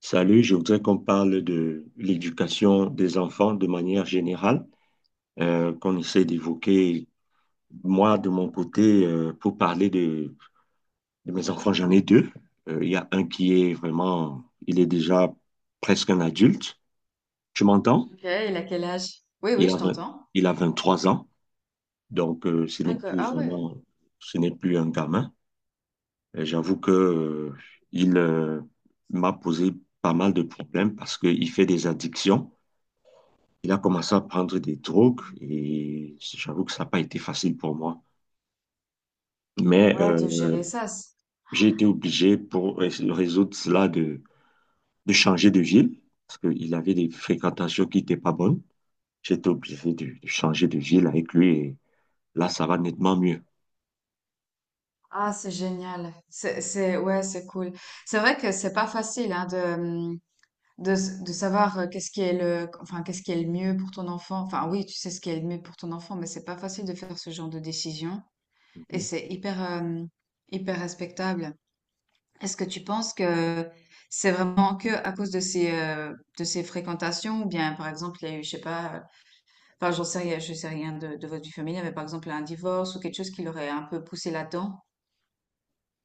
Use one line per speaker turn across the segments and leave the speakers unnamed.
Salut, je voudrais qu'on parle de l'éducation des enfants de manière générale, qu'on essaie d'évoquer. Moi, de mon côté, pour parler de mes enfants, j'en ai deux. Il y a un qui est vraiment, il est déjà presque un adulte. Tu m'entends?
Ok, il a quel âge? Oui, oui,
Il
je
a, vingt-
t'entends.
il a 23 ans, donc ce
Ah,
n'est plus
ouais.
vraiment, ce n'est plus un gamin. J'avoue que il m'a posé pas mal de problèmes parce qu'il fait des addictions. Il a commencé à prendre des drogues et j'avoue que ça n'a pas été facile pour moi. Mais
Ouais, de gérer ça.
j'ai été obligé pour résoudre cela de changer de ville parce qu'il avait des fréquentations qui n'étaient pas bonnes. J'étais obligé de changer de ville avec lui et là, ça va nettement mieux.
Ah, c'est génial. C'est, ouais, c'est cool. C'est vrai que c'est pas facile, hein, de savoir qu'est-ce qui est le, enfin, qu'est-ce qui est le mieux pour ton enfant. Enfin, oui, tu sais ce qui est le mieux pour ton enfant, mais c'est pas facile de faire ce genre de décision. Et
Mhm.
c'est hyper, hyper respectable. Est-ce que tu penses que c'est vraiment que à cause de de ces fréquentations, ou bien, par exemple, il y a eu, je sais pas, enfin, j'en sais rien, je sais rien de votre vie familiale, mais par exemple un divorce ou quelque chose qui l'aurait un peu poussé là-dedans.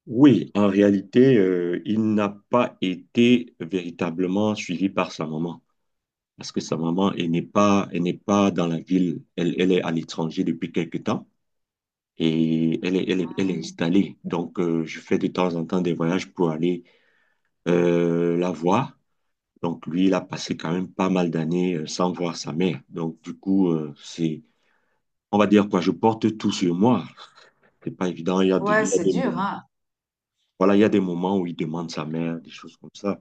Oui, en réalité, il n'a pas été véritablement suivi par sa maman, parce que sa maman, elle n'est pas dans la ville, elle est à l'étranger depuis quelque temps, et elle est
Ah.
installée. Donc, je fais de temps en temps des voyages pour aller la voir. Donc, lui, il a passé quand même pas mal d'années sans voir sa mère. Donc, du coup, c'est, on va dire quoi, je porte tout sur moi. C'est pas évident.
Ouais,
Il y a
c'est
des
dur,
moments,
hein.
voilà, il y a des moments où il demande sa mère, des choses comme ça.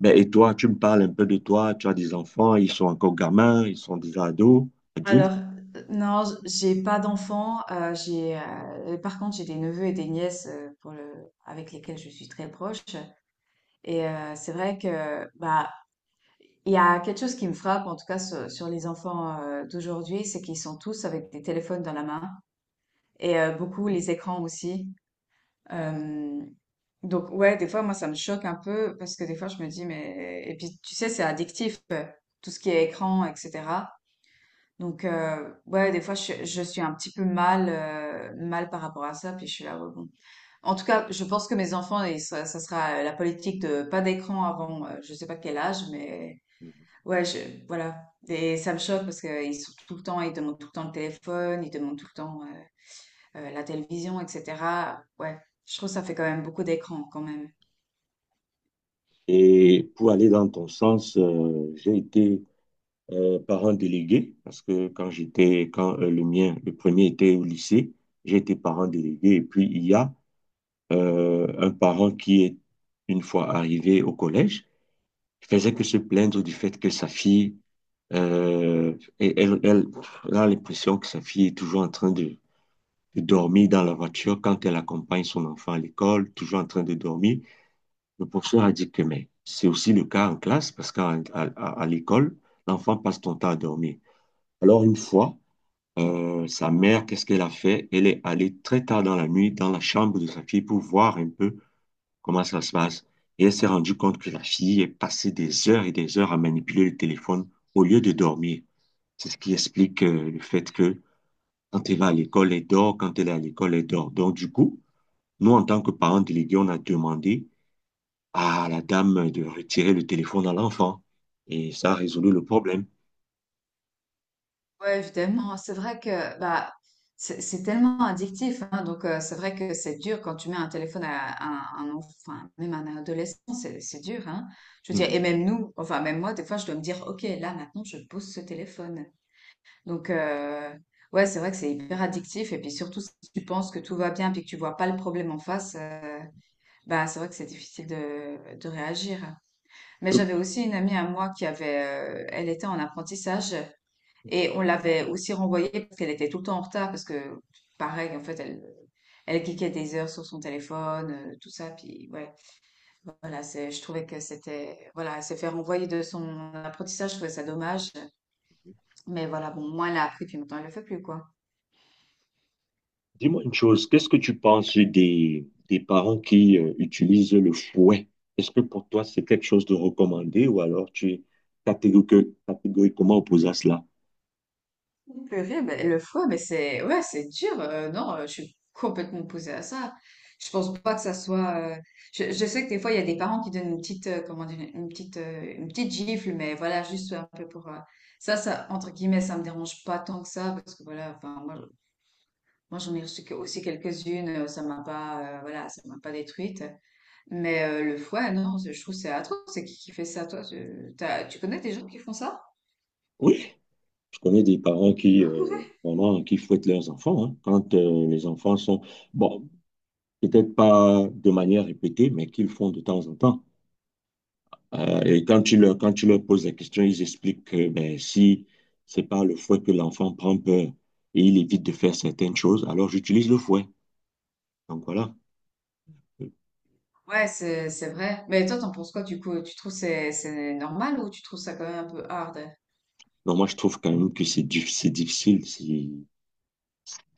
Ben, et toi, tu me parles un peu de toi. Tu as des enfants, ils sont encore gamins, ils sont déjà ados,
Alors,
adultes.
non, j'ai pas d'enfants. Par contre, j'ai des neveux et des nièces avec lesquels je suis très proche. Et c'est vrai que bah il y a quelque chose qui me frappe, en tout cas sur les enfants d'aujourd'hui, c'est qu'ils sont tous avec des téléphones dans la main et beaucoup les écrans aussi. Euh, donc ouais, des fois moi ça me choque un peu parce que des fois je me dis mais et puis tu sais c'est addictif, tout ce qui est écran etc. Donc ouais, des fois je suis un petit peu mal par rapport à ça, puis je suis là, ouais, bon. En tout cas je pense que mes enfants, et ça sera la politique de pas d'écran avant je sais pas quel âge, mais ouais, je, voilà. Et ça me choque parce qu'ils demandent tout le temps le téléphone, ils demandent tout le temps la télévision, etc. Ouais, je trouve que ça fait quand même beaucoup d'écran quand même.
Et pour aller dans ton sens, j'ai été par un délégué, parce que quand le mien, le premier était au lycée, j'étais parent délégué. Et puis, il y a un parent une fois arrivé au collège, faisait que se plaindre du fait que sa fille, euh, elle, elle, elle a l'impression que sa fille est toujours en train de dormir dans la voiture quand elle accompagne son enfant à l'école, toujours en train de dormir. Le professeur a dit que, mais c'est aussi le cas en classe, parce à l'école, l'enfant passe son temps à dormir. Alors, une fois, sa mère, qu'est-ce qu'elle a fait? Elle est allée très tard dans la nuit dans la chambre de sa fille pour voir un peu comment ça se passe. Et elle s'est rendue compte que la fille est passée des heures et des heures à manipuler le téléphone au lieu de dormir. C'est ce qui explique le fait que quand elle va à l'école, elle dort. Quand elle est à l'école, elle dort. Donc, du coup, nous, en tant que parents délégués, on a demandé à la dame de retirer le téléphone à l'enfant. Et ça a résolu le problème.
Ouais, évidemment, c'est vrai que bah, c'est tellement addictif, hein, donc c'est vrai que c'est dur quand tu mets un téléphone à un enfant, enfin, même à un adolescent, c'est dur, hein. Je veux dire, et
Mhm.
même nous, enfin même moi, des fois, je dois me dire, ok, là maintenant, je pose ce téléphone. Donc ouais, c'est vrai que c'est hyper addictif, et puis surtout si tu penses que tout va bien, puis que tu vois pas le problème en face, bah c'est vrai que c'est difficile de réagir. Mais j'avais aussi une amie à moi elle était en apprentissage et on l'avait aussi renvoyée parce qu'elle était tout le temps en retard parce que, pareil, en fait, elle cliquait des heures sur son téléphone, tout ça. Puis, ouais, voilà, je trouvais que c'était, voilà, elle s'est fait renvoyer de son apprentissage, je trouvais ça dommage. Mais voilà, bon, moi, elle a appris, puis maintenant, elle le fait plus, quoi.
Dis-moi une chose, qu'est-ce que tu penses des parents qui utilisent le fouet? Est-ce que pour toi c'est quelque chose de recommandé ou alors tu es catégoriquement opposé à cela?
Purée, mais le foie, mais c'est ouais, c'est dur. Non, je suis complètement opposée à ça. Je pense pas que ça soit. Je sais que des fois il y a des parents qui donnent comment dire, une petite gifle, mais voilà, juste un peu pour ça entre guillemets, ça me dérange pas tant que ça parce que voilà, enfin moi, j'en ai reçu aussi quelques-unes, ça m'a pas, voilà, ça m'a pas détruite. Mais le foie, non, je trouve que c'est atroce. C'est qui fait ça, toi? Tu connais des gens qui font ça?
Oui, je connais des parents qui, vraiment, qui fouettent leurs enfants hein, quand les enfants sont, bon, peut-être pas de manière répétée, mais qu'ils font de temps en temps. Et quand tu leur poses la question, ils expliquent que ben, si c'est par le fouet que l'enfant prend peur et il évite de faire certaines choses, alors j'utilise le fouet. Donc voilà.
Ouais, c'est vrai. Mais toi, t'en penses quoi du coup? Tu trouves c'est normal ou tu trouves ça quand même un peu hard?
Donc moi, je trouve quand même que c'est c'est difficile. C'est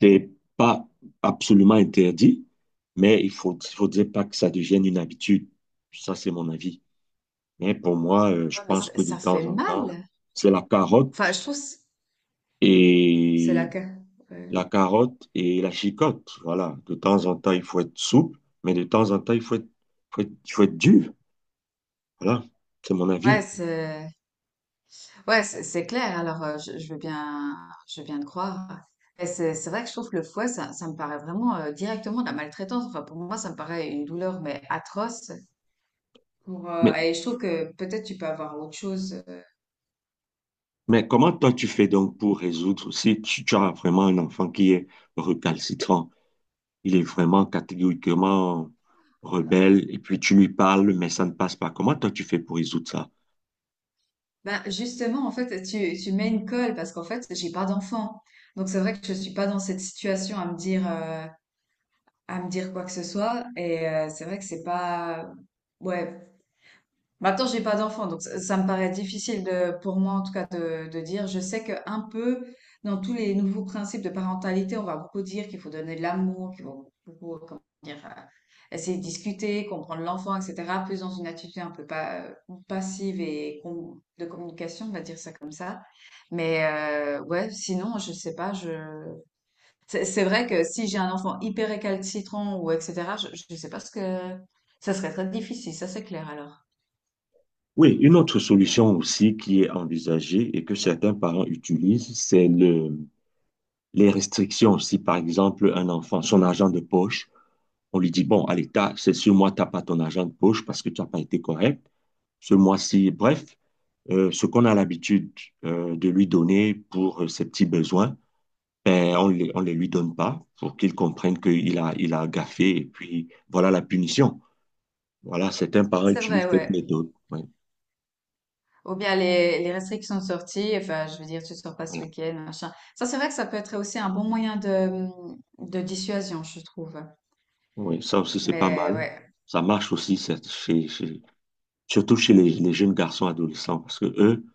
c'est pas absolument interdit, mais il faudrait pas que ça devienne une habitude. Ça, c'est mon avis. Mais pour moi, je
Ouais, mais
pense
ça,
que de
ça fait
temps en temps,
mal.
c'est la
Enfin,
carotte
je trouve, c'est la
et
Ouais,
la carotte et la chicotte. Voilà. De temps en temps, il faut être souple, mais de temps en temps, il faut être, faut être, faut être dur. Voilà. C'est mon
Ouais,
avis.
c'est ouais, c'est clair. Alors, je veux bien te croire. Et c'est vrai que je trouve que le fouet, ça me paraît vraiment directement de la maltraitance. Enfin, pour moi, ça me paraît une douleur mais atroce. Pour
Mais,
et je trouve que peut-être tu peux avoir autre chose.
mais comment toi tu fais donc pour résoudre si tu, tu as vraiment un enfant qui est recalcitrant, il est vraiment catégoriquement rebelle et puis tu lui parles, mais ça ne passe pas. Comment toi tu fais pour résoudre ça?
Ben justement, en fait, tu mets une colle parce qu'en fait, j'ai pas d'enfant. Donc c'est vrai que je suis pas dans cette situation à me dire quoi que ce soit. Et c'est vrai que c'est pas, ouais. Maintenant, j'ai pas d'enfant, donc ça me paraît difficile pour moi en tout cas de dire. Je sais que un peu dans tous les nouveaux principes de parentalité, on va beaucoup dire qu'il faut donner de l'amour, qu'il faut beaucoup, comment dire, essayer de discuter, comprendre l'enfant, etc. Plus dans une attitude un peu pas, passive et de communication, on va dire ça comme ça. Mais ouais, sinon, je sais pas, je c'est vrai que si j'ai un enfant hyper récalcitrant ou etc., je ne sais pas ce que... Ça serait très difficile, ça c'est clair alors.
Oui, une autre solution aussi qui est envisagée et que certains parents utilisent, c'est les restrictions. Si par exemple un enfant, son argent de poche, on lui dit, bon, allez, t'as, c'est sur moi, t'as pas ton argent de poche parce que tu n'as pas été correct ce mois-ci. Bref, ce qu'on a l'habitude de lui donner pour ses petits besoins, ben, on les lui donne pas pour qu'il comprenne il a gaffé et puis voilà la punition. Voilà, certains parents
C'est vrai,
utilisent cette
ouais.
méthode. Oui,
Ou bien les restrictions de sortie, enfin, je veux dire, tu sors pas ce
voilà.
week-end, machin. Ça, c'est vrai que ça peut être aussi un bon moyen de dissuasion, je trouve.
Oui, ça aussi, c'est pas
Mais
mal.
ouais.
Ça marche aussi surtout chez les jeunes garçons adolescents parce que eux,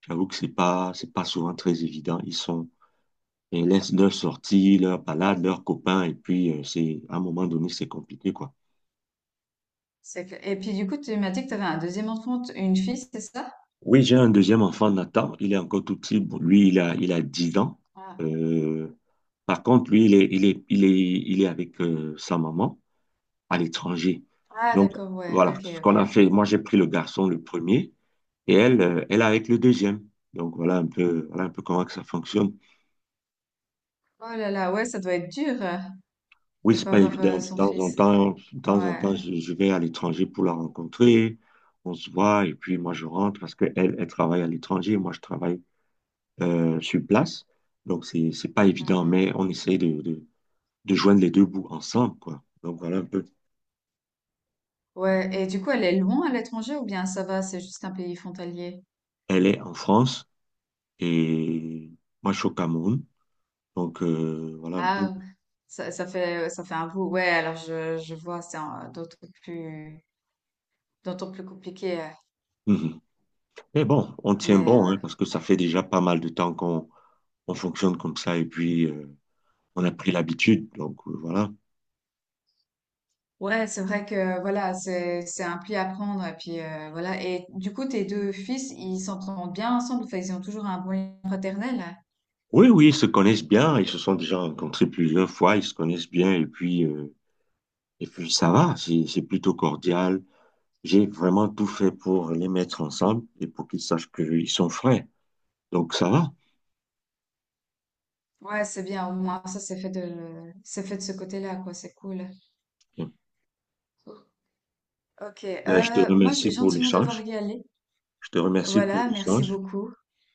j'avoue que c'est pas souvent très évident. Ils sont, et laissent leurs sorties, leurs balades, leurs copains. Et puis, c'est, à un moment donné, c'est compliqué, quoi.
C'est clair. Et puis du coup, tu m'as dit que tu avais un deuxième enfant, une fille, c'est ça?
Oui, j'ai un deuxième enfant, Nathan. Il est encore tout petit. Bon, lui, il a 10 ans.
Ah,
Euh, Par contre, lui, il est avec sa maman à l'étranger.
Ah,
Donc,
d'accord, ouais,
voilà,
ok,
ce qu'on
ok.
a fait, moi, j'ai pris le garçon, le premier, et elle, elle est avec le deuxième. Donc, voilà un peu comment que ça fonctionne.
Oh là là, ouais, ça doit être dur,
Oui,
de
c'est
pas
pas
avoir,
évident. De
son
temps en
fils.
temps, de temps en temps,
Ouais.
je vais à l'étranger pour la rencontrer. On se voit et puis moi je rentre parce qu'elle, elle elle travaille à l'étranger, moi je travaille sur place. Donc c'est pas évident, mais
Mhm.
on essaye de joindre les deux bouts ensemble, quoi. Donc voilà un peu.
Ouais, et du coup, elle est loin à l'étranger ou bien ça va, c'est juste un pays frontalier?
Elle est en France et moi je suis au Cameroun. Donc voilà un peu.
Ah, ça, ça fait un bout. Ouais, alors je vois, c'est plus, d'autant plus compliqué.
Mhm. Mais bon, on tient
Mais
bon, hein,
ouais.
parce que ça fait déjà pas mal de temps qu'on on fonctionne comme ça et puis on a pris l'habitude. Donc voilà.
Ouais, c'est vrai que voilà, c'est un pli à prendre et puis voilà. Et du coup, tes deux fils, ils s'entendent bien ensemble. Enfin, ils ont toujours un bon lien fraternel.
Oui, oui, ils se connaissent bien, ils se sont déjà rencontrés plusieurs fois, ils se connaissent bien et puis, et puis ça va, c'est plutôt cordial. J'ai vraiment tout fait pour les mettre ensemble et pour qu'ils sachent qu'ils sont frères. Donc ça va.
Ouais, c'est bien. Au moins, ça, c'est fait de ce côté-là, quoi. C'est cool. Ok.
Ben, je te
Moi, je
remercie
vais
pour
gentiment devoir
l'échange.
y aller.
Je te remercie pour
Voilà. Merci
l'échange.
beaucoup.